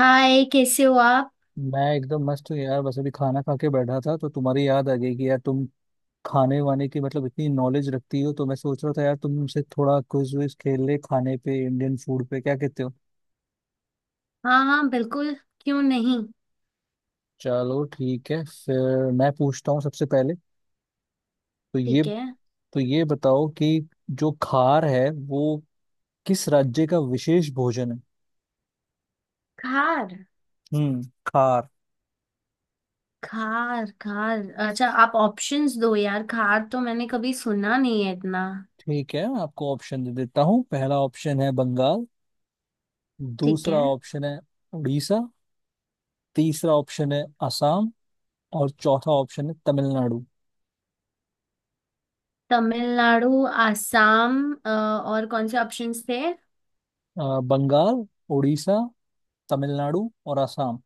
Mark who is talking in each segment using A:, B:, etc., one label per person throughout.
A: हाय, कैसे हो आप।
B: मैं एकदम मस्त हूँ यार। बस अभी खाना खा के बैठा था तो तुम्हारी याद आ गई कि यार तुम खाने वाने की मतलब इतनी नॉलेज रखती हो, तो मैं सोच रहा था यार तुमसे थोड़ा क्विज विज खेल ले खाने पे, इंडियन फूड पे। क्या कहते हो?
A: हाँ हाँ, बिल्कुल। क्यों नहीं।
B: चलो ठीक है, फिर मैं पूछता हूँ सबसे पहले। तो ये
A: ठीक है।
B: तो ये बताओ कि जो खार है वो किस राज्य का विशेष भोजन है।
A: खार।
B: खार।
A: खार खार। अच्छा, आप ऑप्शंस दो यार, खार तो मैंने कभी सुना नहीं है इतना।
B: ठीक है, मैं आपको ऑप्शन दे देता हूँ। पहला ऑप्शन है बंगाल।
A: ठीक
B: दूसरा
A: है।
B: ऑप्शन है उड़ीसा। तीसरा ऑप्शन है असम। और चौथा ऑप्शन है तमिलनाडु।
A: तमिलनाडु, आसाम। और कौन से ऑप्शंस थे।
B: बंगाल, उड़ीसा, तमिलनाडु और असम।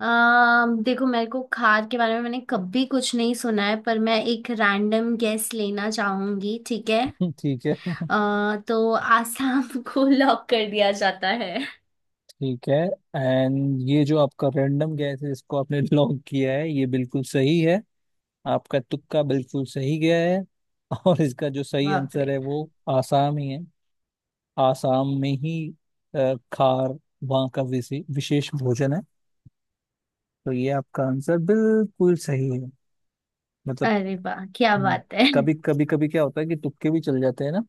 A: देखो, मेरे को खार के बारे में मैंने कभी कुछ नहीं सुना है, पर मैं एक रैंडम गेस लेना चाहूंगी, ठीक है।
B: ठीक है।
A: तो आसाम को लॉक कर दिया जाता है।
B: ठीक है। एंड ये जो आपका रैंडम गैस है, इसको आपने लॉक किया है, ये बिल्कुल सही है। आपका तुक्का बिल्कुल सही गया है। और इसका जो सही
A: बाप
B: आंसर
A: रे।
B: है वो आसाम ही है। आसाम में ही खार वहाँ का विशेष भोजन है। तो ये आपका आंसर बिल्कुल सही है। मतलब।
A: अरे वाह, क्या
B: हम्म,
A: बात है।
B: कभी कभी कभी क्या होता है कि तुक्के भी चल जाते हैं ना।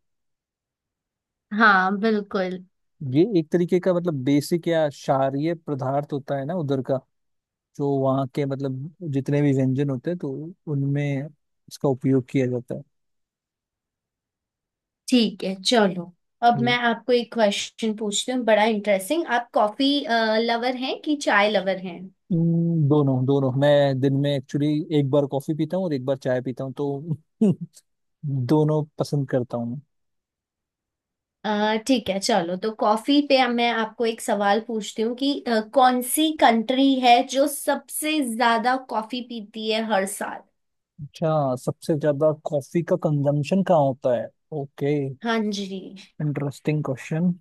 A: हाँ बिल्कुल।
B: ये एक तरीके का मतलब बेसिक या क्षारीय पदार्थ होता है ना उधर का। जो वहाँ के मतलब जितने भी व्यंजन होते हैं, तो उनमें इसका उपयोग किया जाता है।
A: ठीक है चलो। अब
B: हम्म।
A: मैं आपको एक क्वेश्चन पूछती हूँ, बड़ा इंटरेस्टिंग। आप कॉफी लवर हैं कि चाय लवर हैं।
B: दोनों दोनों। मैं दिन में एक्चुअली एक बार कॉफी पीता हूँ और एक बार चाय पीता हूँ, तो दोनों पसंद करता हूँ मैं।
A: ठीक है चलो। तो कॉफी पे अब मैं आपको एक सवाल पूछती हूँ कि कौन सी कंट्री है जो सबसे ज्यादा कॉफी पीती है हर साल।
B: अच्छा, सबसे ज्यादा कॉफी का कंजम्पशन कहाँ होता है। ओके।
A: हाँ जी।
B: Interesting question.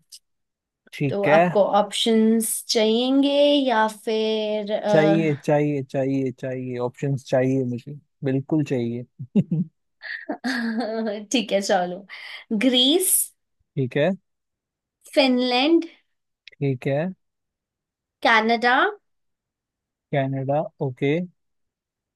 A: तो
B: ठीक है।
A: आपको ऑप्शंस चाहिएंगे या फिर
B: चाहिए चाहिए चाहिए चाहिए, ऑप्शंस चाहिए मुझे। बिल्कुल चाहिए।
A: ठीक है चलो। ग्रीस।
B: ठीक है।
A: फिनलैंड।
B: ठीक है।
A: कनाडा।
B: Canada okay.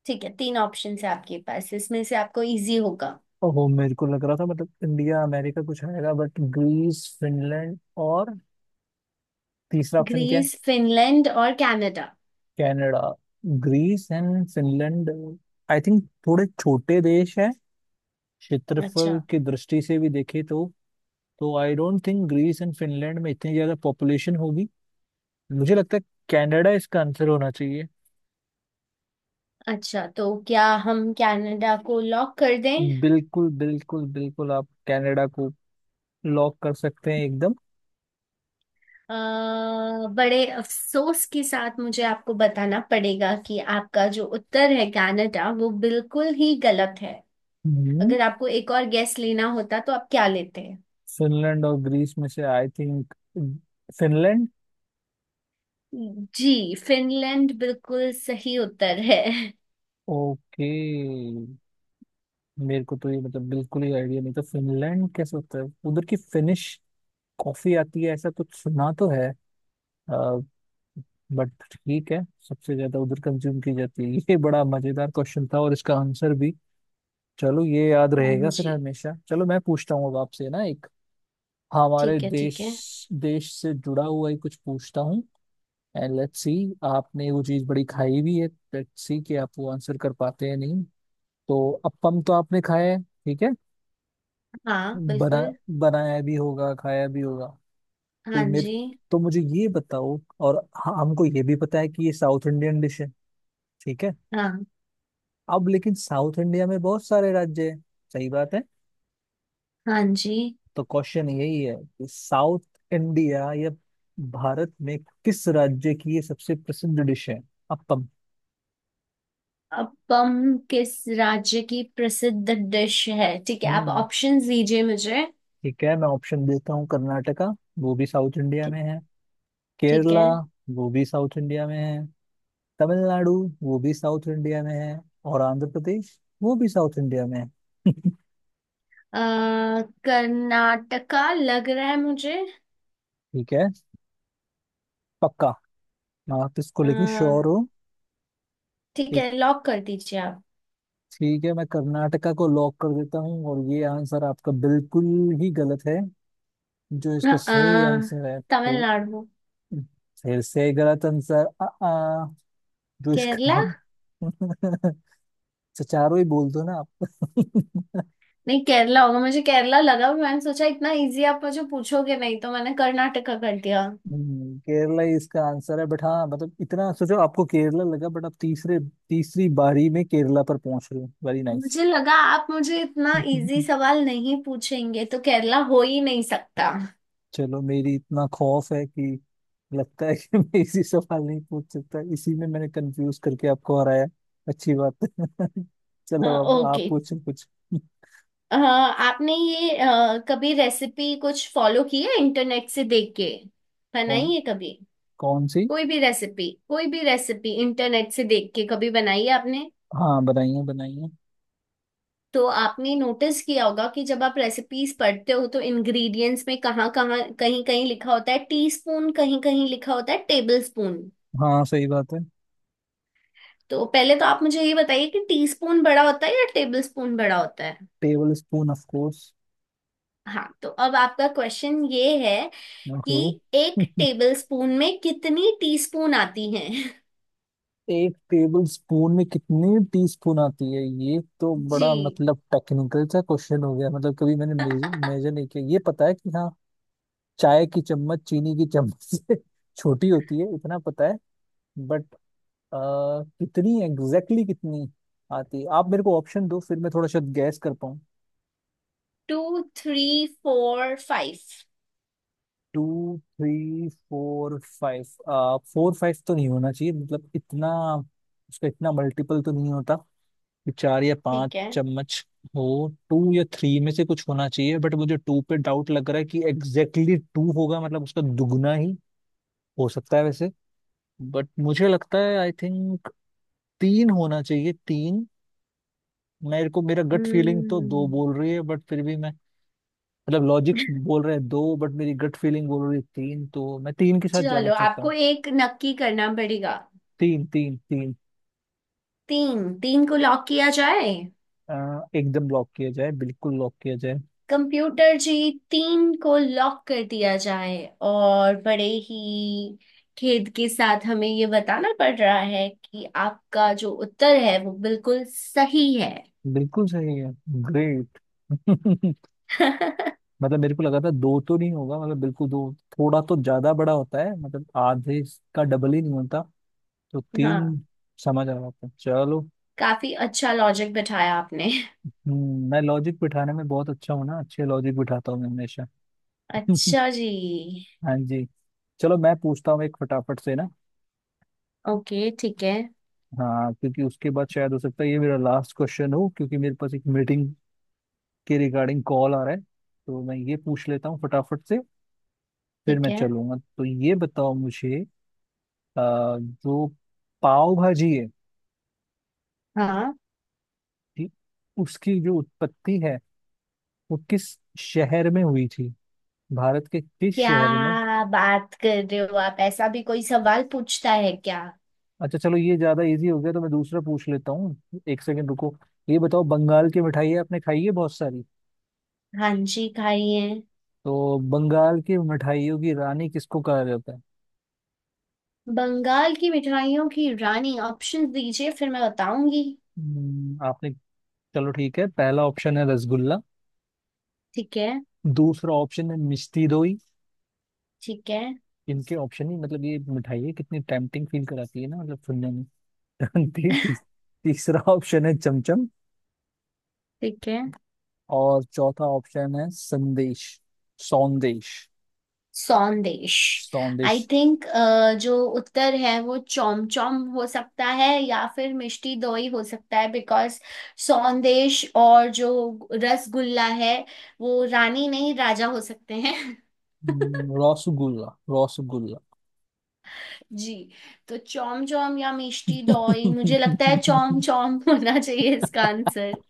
A: ठीक है, तीन ऑप्शन है आपके पास, इसमें से आपको इजी होगा।
B: ओहो, मेरे को लग रहा था मतलब इंडिया, अमेरिका कुछ आएगा, बट ग्रीस, फिनलैंड और तीसरा ऑप्शन क्या है?
A: ग्रीस, फिनलैंड और Canada.
B: Canada. Greece and Finland I think थोड़े छोटे देश हैं,
A: अच्छा।
B: क्षेत्रफल की दृष्टि से भी देखे तो। तो I don't think Greece and Finland में इतनी ज्यादा पॉपुलेशन होगी। मुझे लगता है कनाडा इसका आंसर होना चाहिए।
A: अच्छा, तो क्या हम कनाडा को लॉक कर दें।
B: बिल्कुल बिल्कुल बिल्कुल, आप कनाडा को लॉक कर सकते हैं एकदम।
A: अ, बड़े अफसोस के साथ मुझे आपको बताना पड़ेगा कि आपका जो उत्तर है कनाडा, वो बिल्कुल ही गलत है।
B: हम्म
A: अगर आपको एक और गैस लेना होता तो आप क्या लेते हैं।
B: फिनलैंड और ग्रीस में से I think Finland.
A: Ji, Finland बिल्कुल सही उत्तर है।
B: ओके। मेरे को तो ये मतलब बिल्कुल ही आइडिया नहीं था, फिनलैंड कैसे होता है। उधर की फिनिश कॉफी आती है ऐसा कुछ सुना तो है, बट ठीक है। सबसे ज्यादा उधर कंज्यूम की जाती है। ये बड़ा मजेदार क्वेश्चन था और इसका आंसर भी। चलो, ये याद
A: हाँ
B: रहेगा फिर
A: जी।
B: हमेशा। चलो मैं पूछता हूँ अब आपसे ना एक, हमारे
A: ठीक है ठीक है।
B: देश देश से जुड़ा हुआ ही कुछ पूछता हूँ। एंड लेट्स सी, आपने वो चीज बड़ी खाई भी है। लेट्स सी कि आप वो आंसर कर पाते हैं नहीं। तो अप्पम तो आपने खाया है, ठीक है।
A: हाँ
B: बना,
A: बिल्कुल।
B: बनाया भी होगा, खाया भी होगा। तो ये
A: हाँ
B: मेरे,
A: जी।
B: तो मुझे ये बताओ और हमको ये भी पता है कि ये साउथ इंडियन डिश है, ठीक है।
A: हाँ।
B: अब लेकिन साउथ इंडिया में बहुत सारे राज्य हैं, सही बात है।
A: हाँ जी।
B: तो क्वेश्चन यही है कि साउथ इंडिया या भारत में किस राज्य की ये सबसे प्रसिद्ध डिश है, अप्पम।
A: अब पम किस राज्य की प्रसिद्ध डिश है। ठीक है, आप
B: हम्म
A: ऑप्शंस दीजिए मुझे।
B: ठीक है, मैं ऑप्शन देता हूँ। कर्नाटका, वो भी साउथ इंडिया
A: ठीक।
B: में है।
A: ठीक
B: केरला,
A: है।
B: वो भी साउथ इंडिया में है। तमिलनाडु, वो भी साउथ इंडिया में है। और आंध्र प्रदेश, वो भी साउथ इंडिया में है।
A: अ कर्नाटका लग रहा है मुझे।
B: ठीक है। पक्का? आप इसको
A: अ,
B: लेके श्योर हो?
A: ठीक
B: एक,
A: है, लॉक कर दीजिए आप।
B: ठीक है, मैं कर्नाटका को लॉक कर देता हूँ और ये आंसर आपका बिल्कुल ही गलत है। जो
A: अ,
B: इसका
A: अ,
B: सही आंसर है तो,
A: तमिलनाडु।
B: फिर से गलत आंसर। आ, आ, जो
A: केरला।
B: इसका अच्छा चारों ही बोल दो ना आप।
A: नहीं, केरला होगा। मुझे केरला लगा, पर मैंने सोचा इतना इजी आप मुझे पूछोगे नहीं, तो मैंने कर्नाटका कर दिया।
B: केरला ही इसका आंसर है। बट हाँ, मतलब इतना सोचो, आपको केरला लगा बट आप तीसरे, तीसरी बारी में केरला पर पहुंच रहे हो। Very nice.
A: मुझे लगा आप मुझे इतना इजी सवाल नहीं पूछेंगे, तो केरला हो ही नहीं सकता।
B: चलो, मेरी इतना खौफ है कि लगता है कि मैं इसी सवाल नहीं पूछ सकता, इसी में मैंने कंफ्यूज करके आपको हराया। अच्छी बात है।
A: अ,
B: चलो अब आप
A: ओके।
B: पूछो कुछ।
A: हाँ, आपने ये कभी रेसिपी कुछ फॉलो की है इंटरनेट से देख के,
B: कौन
A: बनाई है कभी।
B: कौन सी
A: कोई भी रेसिपी, कोई भी रेसिपी इंटरनेट से देख के कभी बनाई है आपने।
B: हाँ बनाइए बनाइए।
A: तो आपने नोटिस किया होगा कि जब आप रेसिपीज पढ़ते हो तो इंग्रेडिएंट्स में कहाँ कहाँ, कहीं कहीं लिखा होता है टीस्पून, कहीं कहीं लिखा होता है टेबल स्पून।
B: हाँ, सही बात है।
A: तो पहले तो आप मुझे ये बताइए कि टीस्पून बड़ा होता है या टेबल स्पून बड़ा होता है।
B: Tablespoon of course.
A: हाँ, तो अब आपका क्वेश्चन ये है कि
B: ओहो।
A: एक टेबलस्पून में कितनी टीस्पून आती हैं।
B: एक टेबल स्पून में कितनी टीस्पून आती है, ये तो बड़ा
A: जी।
B: मतलब टेक्निकल सा क्वेश्चन हो गया। मतलब कभी मैंने मेजर नहीं किया, ये पता है कि हाँ, चाय की चम्मच चीनी की चम्मच से छोटी होती है इतना पता है। बट कितनी एग्जैक्टली, exactly कितनी आती है, आप मेरे को ऑप्शन दो फिर मैं थोड़ा शायद गैस कर पाऊँ।
A: Two, three, four, five.
B: Two three four five. Four five तो नहीं होना चाहिए, मतलब इतना उसका इतना मल्टीपल तो नहीं होता कि चार या पांच
A: ठीक है।
B: चम्मच हो। टू या थ्री में से कुछ होना चाहिए, बट मुझे टू पे डाउट लग रहा है कि एग्जैक्टली exactly टू होगा, मतलब उसका दुगना ही हो सकता है वैसे। बट मुझे लगता है आई थिंक तीन होना चाहिए, तीन। मेरे को, मेरा गट फीलिंग तो दो
A: हम्म।
B: बोल रही है बट फिर भी मैं, मतलब लॉजिक्स बोल रहे हैं दो बट मेरी गट फीलिंग बोल रही है तीन, तो मैं तीन के साथ जाना
A: चलो,
B: चाहता
A: आपको
B: हूँ।
A: एक नक्की करना पड़ेगा।
B: तीन तीन तीन।
A: 3, 3 को लॉक किया जाए।
B: एकदम लॉक किया जाए, बिल्कुल लॉक किया जाए।
A: कंप्यूटर जी, 3 को लॉक कर दिया जाए। और बड़े ही खेद के साथ हमें ये बताना पड़ रहा है कि आपका जो उत्तर है वो बिल्कुल सही है।
B: बिल्कुल सही है, ग्रेट। मतलब मेरे को लगा था दो तो नहीं होगा, मतलब बिल्कुल दो थोड़ा तो ज्यादा बड़ा होता है, मतलब आधे का डबल ही नहीं होता। तो
A: हाँ,
B: तीन समझ आ रहा था, चलो।
A: काफी अच्छा लॉजिक बिठाया आपने।
B: मैं लॉजिक बिठाने में बहुत अच्छा हूँ ना, अच्छे लॉजिक बिठाता हूँ मैं हमेशा।
A: अच्छा जी।
B: हाँ जी। चलो मैं पूछता हूँ एक फटाफट से ना।
A: ओके, ठीक है
B: हाँ, क्योंकि उसके बाद शायद हो सकता है ये मेरा लास्ट क्वेश्चन हो, क्योंकि मेरे पास एक मीटिंग के रिगार्डिंग कॉल आ रहा है। तो मैं ये पूछ लेता हूँ फटाफट से, फिर
A: ठीक
B: मैं
A: है।
B: चलूंगा। तो ये बताओ मुझे, जो पाव भाजी है,
A: हाँ,
B: थी, उसकी जो उत्पत्ति है वो किस शहर में हुई थी, भारत के किस
A: क्या
B: शहर में?
A: बात कर रहे हो आप, ऐसा भी कोई सवाल पूछता है क्या।
B: अच्छा चलो, ये ज्यादा इजी हो गया तो मैं दूसरा पूछ लेता हूँ, एक सेकंड रुको। ये बताओ, बंगाल की मिठाइयाँ आपने खाई है बहुत सारी।
A: हाँ जी, खाइए।
B: तो बंगाल की मिठाइयों की रानी किसको कहा जाता है?
A: बंगाल की मिठाइयों की रानी, ऑप्शन दीजिए फिर मैं बताऊंगी।
B: आपने, चलो ठीक है, पहला ऑप्शन है रसगुल्ला।
A: ठीक है।
B: दूसरा ऑप्शन है मिष्टी दोई।
A: ठीक है।
B: इनके ऑप्शन ही मतलब, ये मिठाई है कितनी टेम्पटिंग फील कराती है ना, मतलब सुनने में। ती, ती, तीसरा ऑप्शन है चमचम।
A: ठीक है।
B: और चौथा ऑप्शन है संदेश, सौंदेश।
A: संदेश।
B: सौंदेश।
A: आई थिंक जो उत्तर है वो चौम चौम हो सकता है या फिर मिष्टी दोई हो सकता है, बिकॉज संदेश और जो रसगुल्ला है वो रानी नहीं, राजा हो सकते हैं।
B: रसगुल्ला, रसगुल्ला।
A: जी। तो चौम चौम या मिष्टी दोई, मुझे लगता है चौम चौम होना चाहिए इसका आंसर।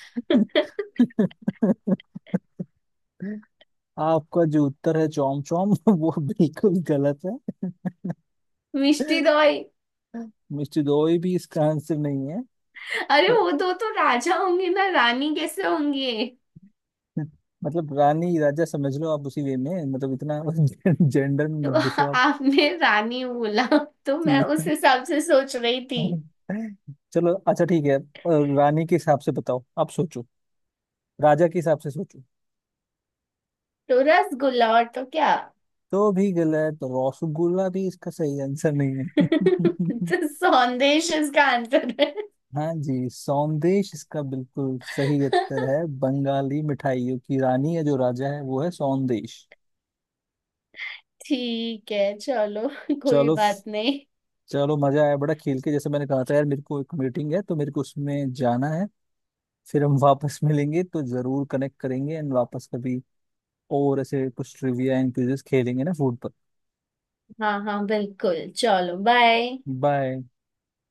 B: आपका जो उत्तर है चौम चौम, वो बिल्कुल गलत है।
A: मिष्टी दोई।
B: मिस्टर दोई भी इसका आंसर नहीं है।
A: अरे,
B: तो
A: वो दो तो राजा होंगे ना, रानी कैसे होंगे।
B: मतलब रानी राजा समझ लो आप उसी वे में, मतलब इतना जेंडर में
A: तो
B: मत घुसो आप।
A: आपने रानी बोला तो मैं
B: जी।
A: उस हिसाब से सोच रही थी।
B: चलो, अच्छा ठीक है, रानी के हिसाब से बताओ, आप सोचो, राजा के हिसाब से सोचो।
A: तो रसगुल्ला, और तो क्या।
B: तो भी गलत, तो रसगुल्ला भी इसका सही आंसर नहीं है।
A: तो संदेश इसका आंसर है।
B: हाँ जी, सौंदेश इसका बिल्कुल सही उत्तर है। बंगाली मिठाइयों की रानी है, जो राजा है वो है सौंदेश।
A: ठीक है चलो, कोई
B: चलो।
A: बात नहीं।
B: चलो, मजा आया बड़ा खेल के। जैसे मैंने कहा था यार, मेरे को एक मीटिंग है तो मेरे को उसमें जाना है, फिर हम वापस मिलेंगे, तो जरूर कनेक्ट करेंगे एंड वापस कभी और ऐसे कुछ ट्रिविया एंड क्विजेस खेलेंगे ना, फूड पर।
A: हाँ हाँ बिल्कुल, चलो बाय।
B: बाय।